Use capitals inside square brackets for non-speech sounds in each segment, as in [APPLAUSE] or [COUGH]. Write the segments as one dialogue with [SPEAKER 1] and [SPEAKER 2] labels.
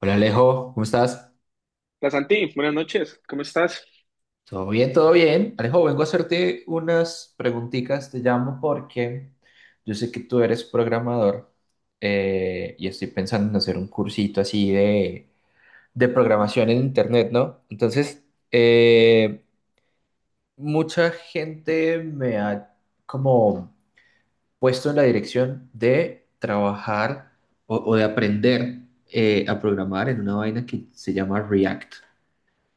[SPEAKER 1] Hola Alejo, ¿cómo estás?
[SPEAKER 2] Hola Santi, buenas noches, ¿cómo estás?
[SPEAKER 1] Todo bien, todo bien. Alejo, vengo a hacerte unas preguntitas, te llamo porque yo sé que tú eres programador, y estoy pensando en hacer un cursito así de programación en Internet, ¿no? Entonces, eh, mucha gente me ha como puesto en la dirección de trabajar o de aprender, a programar en una vaina que se llama React.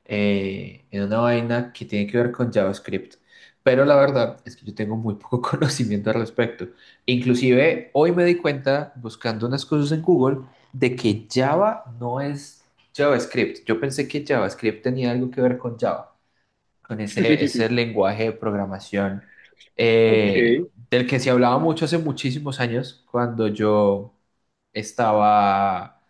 [SPEAKER 1] En una vaina que tiene que ver con JavaScript. Pero la verdad es que yo tengo muy poco [LAUGHS] conocimiento al respecto. Inclusive hoy me di cuenta buscando unas cosas en Google de que Java no es JavaScript. Yo pensé que JavaScript tenía algo que ver con Java, con ese,
[SPEAKER 2] [LAUGHS]
[SPEAKER 1] ese lenguaje de programación eh,
[SPEAKER 2] Ok,
[SPEAKER 1] del que se hablaba mucho hace muchísimos años cuando yo estaba,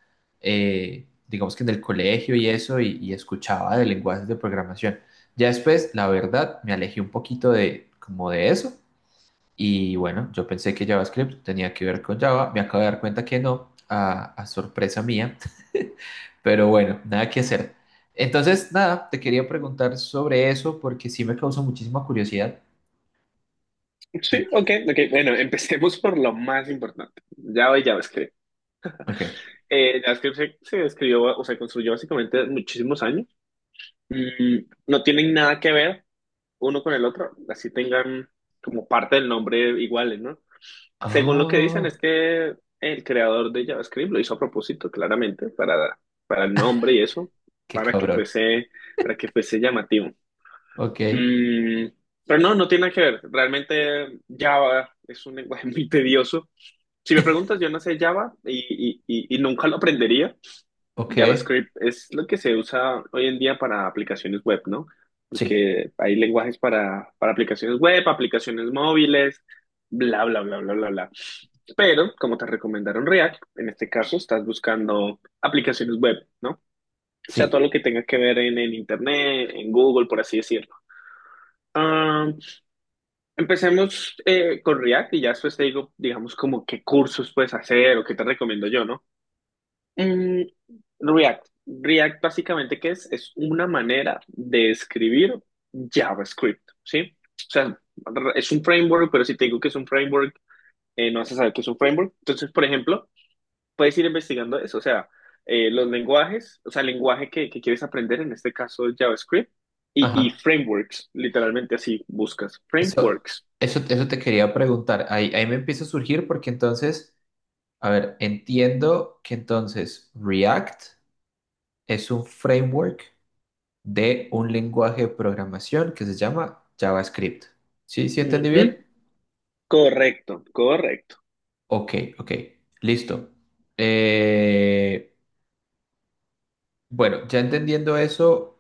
[SPEAKER 1] digamos que en el colegio y eso, y escuchaba de lenguajes de programación. Ya después, la verdad, me alejé un poquito de, como de eso, y bueno, yo pensé que JavaScript tenía que ver con Java, me acabo de dar cuenta que no, a sorpresa mía. [LAUGHS] Pero bueno, nada que hacer. Entonces, nada, te quería preguntar sobre eso porque sí me causó muchísima curiosidad.
[SPEAKER 2] sí,
[SPEAKER 1] Oh,
[SPEAKER 2] ok, ok. Bueno, empecemos por lo más importante, Java y JavaScript.
[SPEAKER 1] ok.
[SPEAKER 2] JavaScript se escribió, o se construyó básicamente muchísimos años. No tienen nada que ver uno con el otro, así tengan como parte del nombre iguales, ¿no? Según lo que dicen
[SPEAKER 1] Oh,
[SPEAKER 2] es que el creador de JavaScript lo hizo a propósito, claramente, para el nombre y eso,
[SPEAKER 1] qué
[SPEAKER 2] para que
[SPEAKER 1] cabrón.
[SPEAKER 2] fuese, para que fuese llamativo.
[SPEAKER 1] Ok,
[SPEAKER 2] Mm, pero no, no tiene nada que ver. Realmente Java es un lenguaje [LAUGHS] muy tedioso. Si me
[SPEAKER 1] [LAUGHS]
[SPEAKER 2] preguntas, yo no sé Java y, y nunca lo aprendería.
[SPEAKER 1] ok.
[SPEAKER 2] JavaScript es lo que se usa hoy en día para aplicaciones web, ¿no?
[SPEAKER 1] Sí,
[SPEAKER 2] Porque hay lenguajes para aplicaciones web, aplicaciones móviles, bla, bla, bla, bla, bla, bla. Pero, como te recomendaron React, en este caso estás buscando aplicaciones web, ¿no? O sea, todo
[SPEAKER 1] sí.
[SPEAKER 2] lo que tenga que ver en Internet, en Google, por así decirlo. Ah, empecemos con React y ya después te digo, digamos, como qué cursos puedes hacer o qué te recomiendo yo, ¿no? Mm, React. React básicamente, ¿qué es? Es una manera de escribir JavaScript, ¿sí? O sea, es un framework, pero si te digo que es un framework, no vas a saber que es un framework. Entonces, por ejemplo, puedes ir investigando eso, o sea, los lenguajes, o sea, el lenguaje que quieres aprender, en este caso JavaScript, y
[SPEAKER 1] Ajá.
[SPEAKER 2] frameworks, literalmente así buscas,
[SPEAKER 1] Eso,
[SPEAKER 2] frameworks.
[SPEAKER 1] eso te quería preguntar. Ahí, ahí me empieza a surgir porque entonces, a ver, entiendo que entonces React es un framework de un lenguaje de programación que se llama JavaScript. ¿Sí? ¿Sí entendí
[SPEAKER 2] Ujú.
[SPEAKER 1] bien?
[SPEAKER 2] Correcto, correcto.
[SPEAKER 1] Ok, ok, listo. Eh, bueno, ya entendiendo eso,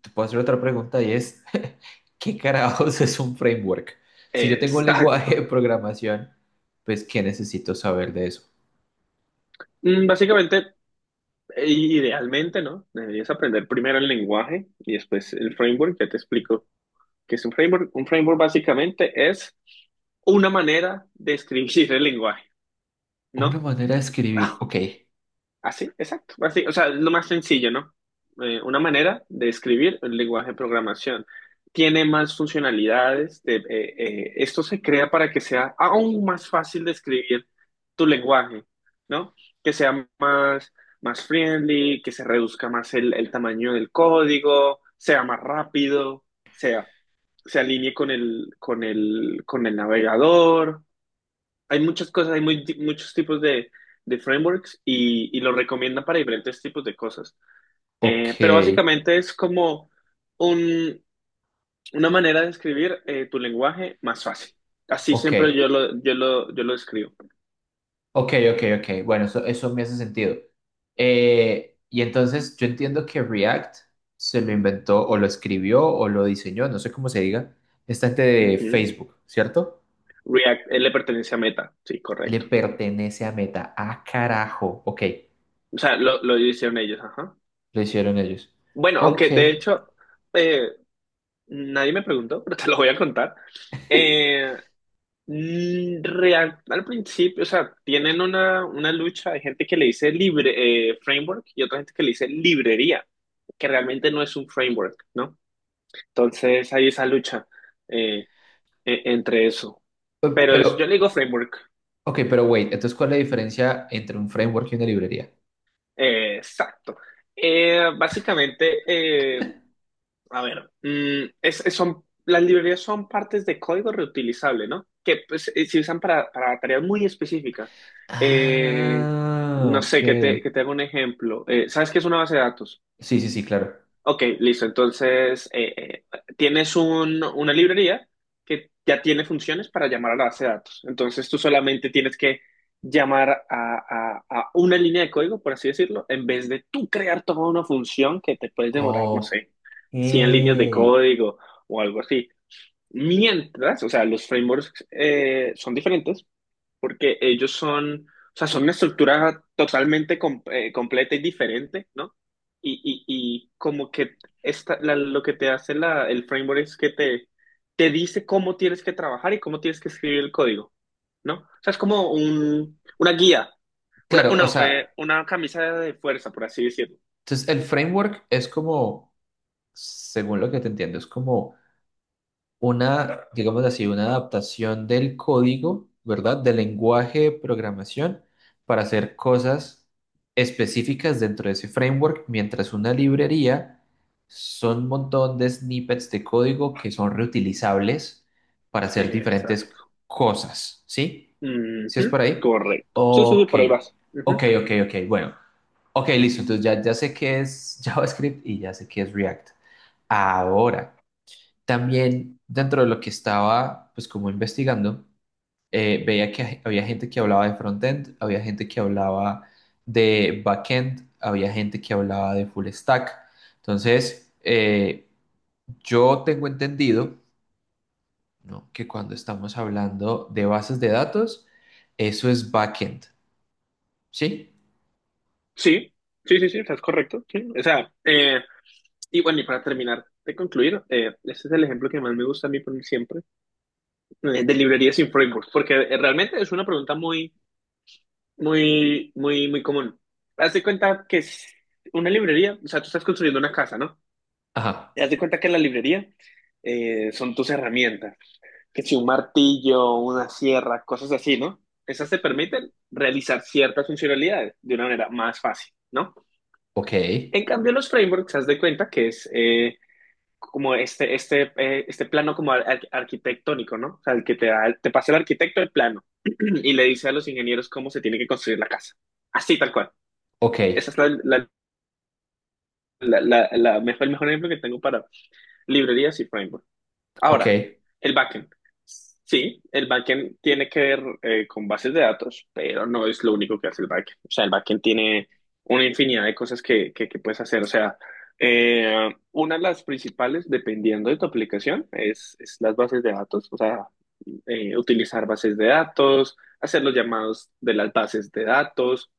[SPEAKER 1] te puedo hacer otra pregunta y es, [LAUGHS] ¿qué carajos es un framework? Si yo tengo un lenguaje
[SPEAKER 2] Exacto.
[SPEAKER 1] de programación, pues ¿qué necesito saber de eso?
[SPEAKER 2] Básicamente, idealmente, ¿no? Deberías aprender primero el lenguaje y después el framework. Ya te explico qué es un framework. Un framework básicamente es una manera de escribir el lenguaje,
[SPEAKER 1] Una
[SPEAKER 2] ¿no?
[SPEAKER 1] manera de escribir, ok,
[SPEAKER 2] Así, exacto. Así, o sea, es lo más sencillo, ¿no? Una manera de escribir el lenguaje de programación. Tiene más funcionalidades. Esto se crea para que sea aún más fácil de escribir tu lenguaje, ¿no? Que sea más, más friendly, que se reduzca más el tamaño del código, sea más rápido, sea, se alinee con con el navegador. Hay muchas cosas, hay muchos tipos de frameworks y lo recomiendan para diferentes tipos de cosas.
[SPEAKER 1] ok,
[SPEAKER 2] Pero básicamente es como un, una manera de escribir tu lenguaje más fácil. Así
[SPEAKER 1] ok,
[SPEAKER 2] siempre yo lo escribo.
[SPEAKER 1] ok, ok, ok. Bueno, eso me hace sentido. Y entonces yo entiendo que React se lo inventó o lo escribió o lo diseñó, no sé cómo se diga, esta gente de
[SPEAKER 2] Ujú.
[SPEAKER 1] Facebook, ¿cierto?
[SPEAKER 2] React, él le pertenece a Meta, sí,
[SPEAKER 1] Le
[SPEAKER 2] correcto.
[SPEAKER 1] pertenece a Meta. Ah, carajo. Ok,
[SPEAKER 2] O sea, lo hicieron ellos, ajá.
[SPEAKER 1] lo hicieron ellos.
[SPEAKER 2] Bueno,
[SPEAKER 1] Ok,
[SPEAKER 2] aunque de hecho, eh, nadie me preguntó, [LAUGHS] pero te lo voy a contar.
[SPEAKER 1] [LAUGHS]
[SPEAKER 2] Eh, Real, al principio, o sea, tienen una lucha, de gente que le dice libre, framework y otra gente que le dice librería, que realmente no es un framework, ¿no? Entonces hay esa lucha eh, entre eso. Yo
[SPEAKER 1] pero,
[SPEAKER 2] le digo framework,
[SPEAKER 1] ok, pero wait, entonces, ¿cuál es la diferencia entre un framework y una librería?
[SPEAKER 2] exacto. Básicamente, eh, a ver, son, las librerías son partes de código reutilizable, ¿no? Que pues, se usan para tareas muy específicas. Eh,
[SPEAKER 1] Ah,
[SPEAKER 2] no
[SPEAKER 1] ok.
[SPEAKER 2] sé, que te haga un ejemplo. ¿Sabes qué es una base de datos?
[SPEAKER 1] Sí, sí, sí, claro.
[SPEAKER 2] Ok, listo. Entonces, tienes una librería que ya tiene funciones para llamar a la base de datos. Entonces, tú solamente tienes que llamar a, a una línea de código, por así decirlo, en vez de tú crear toda una función que te puedes demorar, no
[SPEAKER 1] Ok.
[SPEAKER 2] sé, 100 líneas de código o algo así. Mientras, o sea, los frameworks son diferentes, porque ellos son, o sea, son una estructura totalmente completa y diferente, ¿no? Y como que lo que te hace el framework es que te dice cómo tienes que trabajar y cómo tienes que escribir el código, ¿no? O sea, es como una guía,
[SPEAKER 1] Claro, o sea,
[SPEAKER 2] una camisa de fuerza, por así decirlo.
[SPEAKER 1] entonces el framework es como, según lo que te entiendo, es como una, digamos así, una adaptación del código, ¿verdad? Del lenguaje de programación para hacer cosas específicas dentro de ese framework, mientras una librería son un montón de snippets de código que son reutilizables para hacer diferentes
[SPEAKER 2] Exacto.
[SPEAKER 1] cosas, ¿sí? ¿Sí es
[SPEAKER 2] Ujú,
[SPEAKER 1] por ahí?
[SPEAKER 2] correcto. Sí, sí, sí,
[SPEAKER 1] Ok,
[SPEAKER 2] por ahí vas. Ujú.
[SPEAKER 1] ok, ok, ok, bueno. Ok, listo, entonces ya, ya sé qué es [LAUGHS] JavaScript y ya sé qué es React. Ahora, también dentro de lo que estaba, pues como investigando, veía que había gente que hablaba de frontend, había gente que hablaba de backend, había gente que hablaba de full stack. Entonces, yo tengo entendido, ¿no?, que cuando estamos hablando de bases de datos, eso es backend, ¿sí?
[SPEAKER 2] Sí, sí, sí, sí, estás correcto. Sí. O sea, y bueno, y para terminar de concluir, este es el ejemplo que más me gusta a mí poner siempre, de librerías sin framework, porque realmente es una pregunta muy, muy, muy común. Haz de cuenta que es una librería, o sea, tú estás construyendo una casa, ¿no?
[SPEAKER 1] Ajá,
[SPEAKER 2] Y haz de cuenta que la librería son tus herramientas, que si un martillo, una sierra, cosas así, ¿no? Esas te permiten realizar ciertas funcionalidades de una manera más fácil, ¿no?
[SPEAKER 1] ok,
[SPEAKER 2] En cambio, los frameworks, haz de cuenta que es como este plano como arquitectónico, ¿no? O sea, el que te da, te pasa el arquitecto el plano [CLEARS THROAT] y le dice a los ingenieros cómo se tiene que construir la casa. Así, tal cual.
[SPEAKER 1] ok,
[SPEAKER 2] Esa es la mejor, el mejor ejemplo que tengo para librerías y framework.
[SPEAKER 1] ok.
[SPEAKER 2] Ahora, el backend. Sí, el backend tiene que ver con bases de datos, pero no es lo único que hace el backend. O sea, el backend tiene una infinidad de cosas que puedes hacer. O sea, una de las principales, dependiendo de tu aplicación, es las bases de datos. O sea, utilizar bases de datos, hacer los llamados de las bases de datos,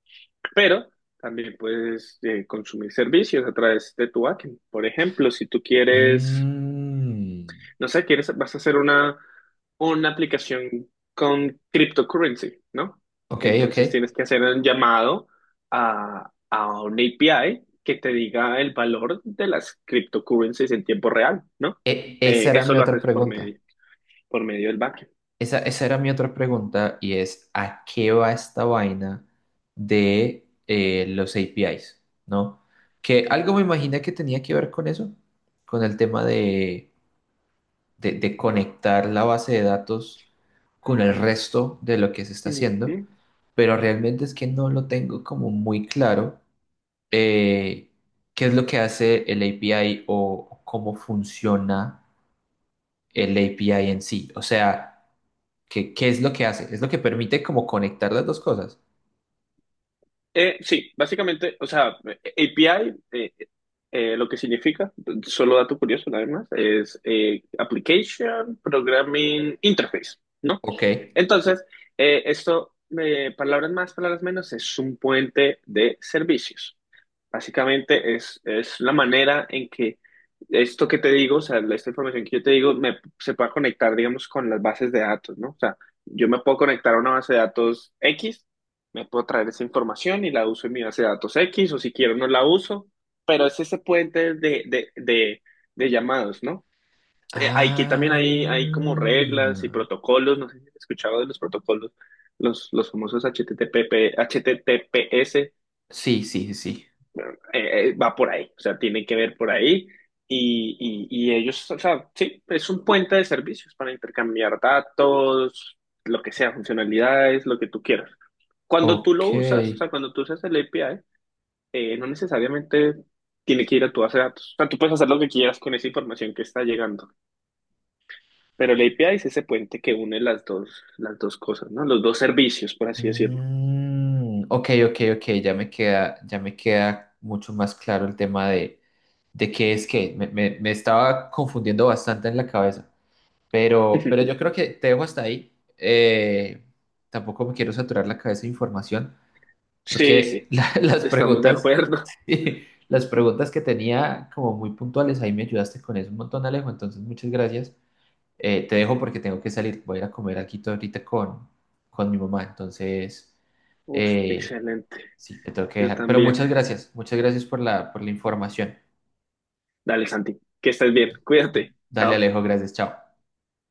[SPEAKER 2] pero también puedes consumir servicios a través de tu backend. Por ejemplo, si tú quieres
[SPEAKER 1] Mm,
[SPEAKER 2] no sé, quieres, vas a hacer una aplicación con cryptocurrency, ¿no?
[SPEAKER 1] ok, ok.
[SPEAKER 2] Entonces tienes que hacer un llamado a una API que te diga el valor de las cryptocurrencies en tiempo real, ¿no?
[SPEAKER 1] Esa era
[SPEAKER 2] Eso
[SPEAKER 1] mi
[SPEAKER 2] lo
[SPEAKER 1] otra
[SPEAKER 2] haces
[SPEAKER 1] pregunta.
[SPEAKER 2] por medio del backend.
[SPEAKER 1] Esa era mi otra pregunta y es, ¿a qué va esta vaina de los APIs? ¿No? Que algo me imaginé que tenía que ver con eso, con el tema de, de conectar la base de datos con el resto de lo que se está
[SPEAKER 2] Ujú.
[SPEAKER 1] haciendo, pero realmente es que no lo tengo como muy claro, eh, qué es lo que hace el API o cómo funciona el API en sí. O sea... ¿Qué, qué es lo que hace? Es lo que permite como conectar las dos cosas.
[SPEAKER 2] Sí, básicamente, o sea, API, eh, lo que significa, solo dato curioso nada más, es Application Programming Interface, ¿no?
[SPEAKER 1] Ok.
[SPEAKER 2] Entonces, esto, palabras más, palabras menos, es un puente de servicios. Básicamente es la manera en que esto que te digo, o sea, esta información que yo te digo, me, se pueda conectar, digamos, con las bases de datos, ¿no? O sea, yo me puedo conectar a una base de datos X, me puedo traer esa información y la uso en mi base de datos X, o si quiero no la uso, pero es ese puente de llamados, ¿no? Hay que también
[SPEAKER 1] Ah.
[SPEAKER 2] hay como reglas y protocolos, no sé si has escuchado de los protocolos, los famosos HTTP, HTTPS,
[SPEAKER 1] Sí, sí, sí.
[SPEAKER 2] va por ahí, o sea, tiene que ver por ahí. Y ellos, o sea, sí, es un puente de servicios para intercambiar datos, lo que sea, funcionalidades, lo que tú quieras. Cuando tú lo
[SPEAKER 1] Ok.
[SPEAKER 2] usas, o sea, cuando tú usas el API, no necesariamente tiene que ir a tu base de datos. O sea, tú puedes hacer lo que quieras con esa información que está llegando. Pero el API es ese puente que une las dos cosas, ¿no? Los dos servicios, por así decirlo.
[SPEAKER 1] Mm, ok, ok, ok. Ya me queda mucho más claro el tema de qué es qué. Me, me estaba confundiendo bastante en la cabeza. Pero yo
[SPEAKER 2] [LAUGHS]
[SPEAKER 1] creo que te dejo hasta ahí. Tampoco me quiero saturar la cabeza de información. Creo
[SPEAKER 2] Sí,
[SPEAKER 1] que
[SPEAKER 2] sí,
[SPEAKER 1] [LAUGHS] las
[SPEAKER 2] estamos de
[SPEAKER 1] preguntas,
[SPEAKER 2] acuerdo.
[SPEAKER 1] sí, las preguntas que tenía como muy puntuales, ahí me ayudaste con eso un montón, Alejo. Entonces, muchas gracias. Te dejo porque tengo que salir. Voy a ir a comer aquí ahorita con mi mamá. Entonces,
[SPEAKER 2] [LAUGHS] Uf,
[SPEAKER 1] eh,
[SPEAKER 2] excelente.
[SPEAKER 1] sí, te tengo que
[SPEAKER 2] Yo
[SPEAKER 1] dejar. Pero
[SPEAKER 2] también.
[SPEAKER 1] muchas gracias. Muchas gracias por la información.
[SPEAKER 2] Dale, Santi, que estés bien. Cuídate.
[SPEAKER 1] Dale,
[SPEAKER 2] Chao.
[SPEAKER 1] Alejo. Gracias. Chao.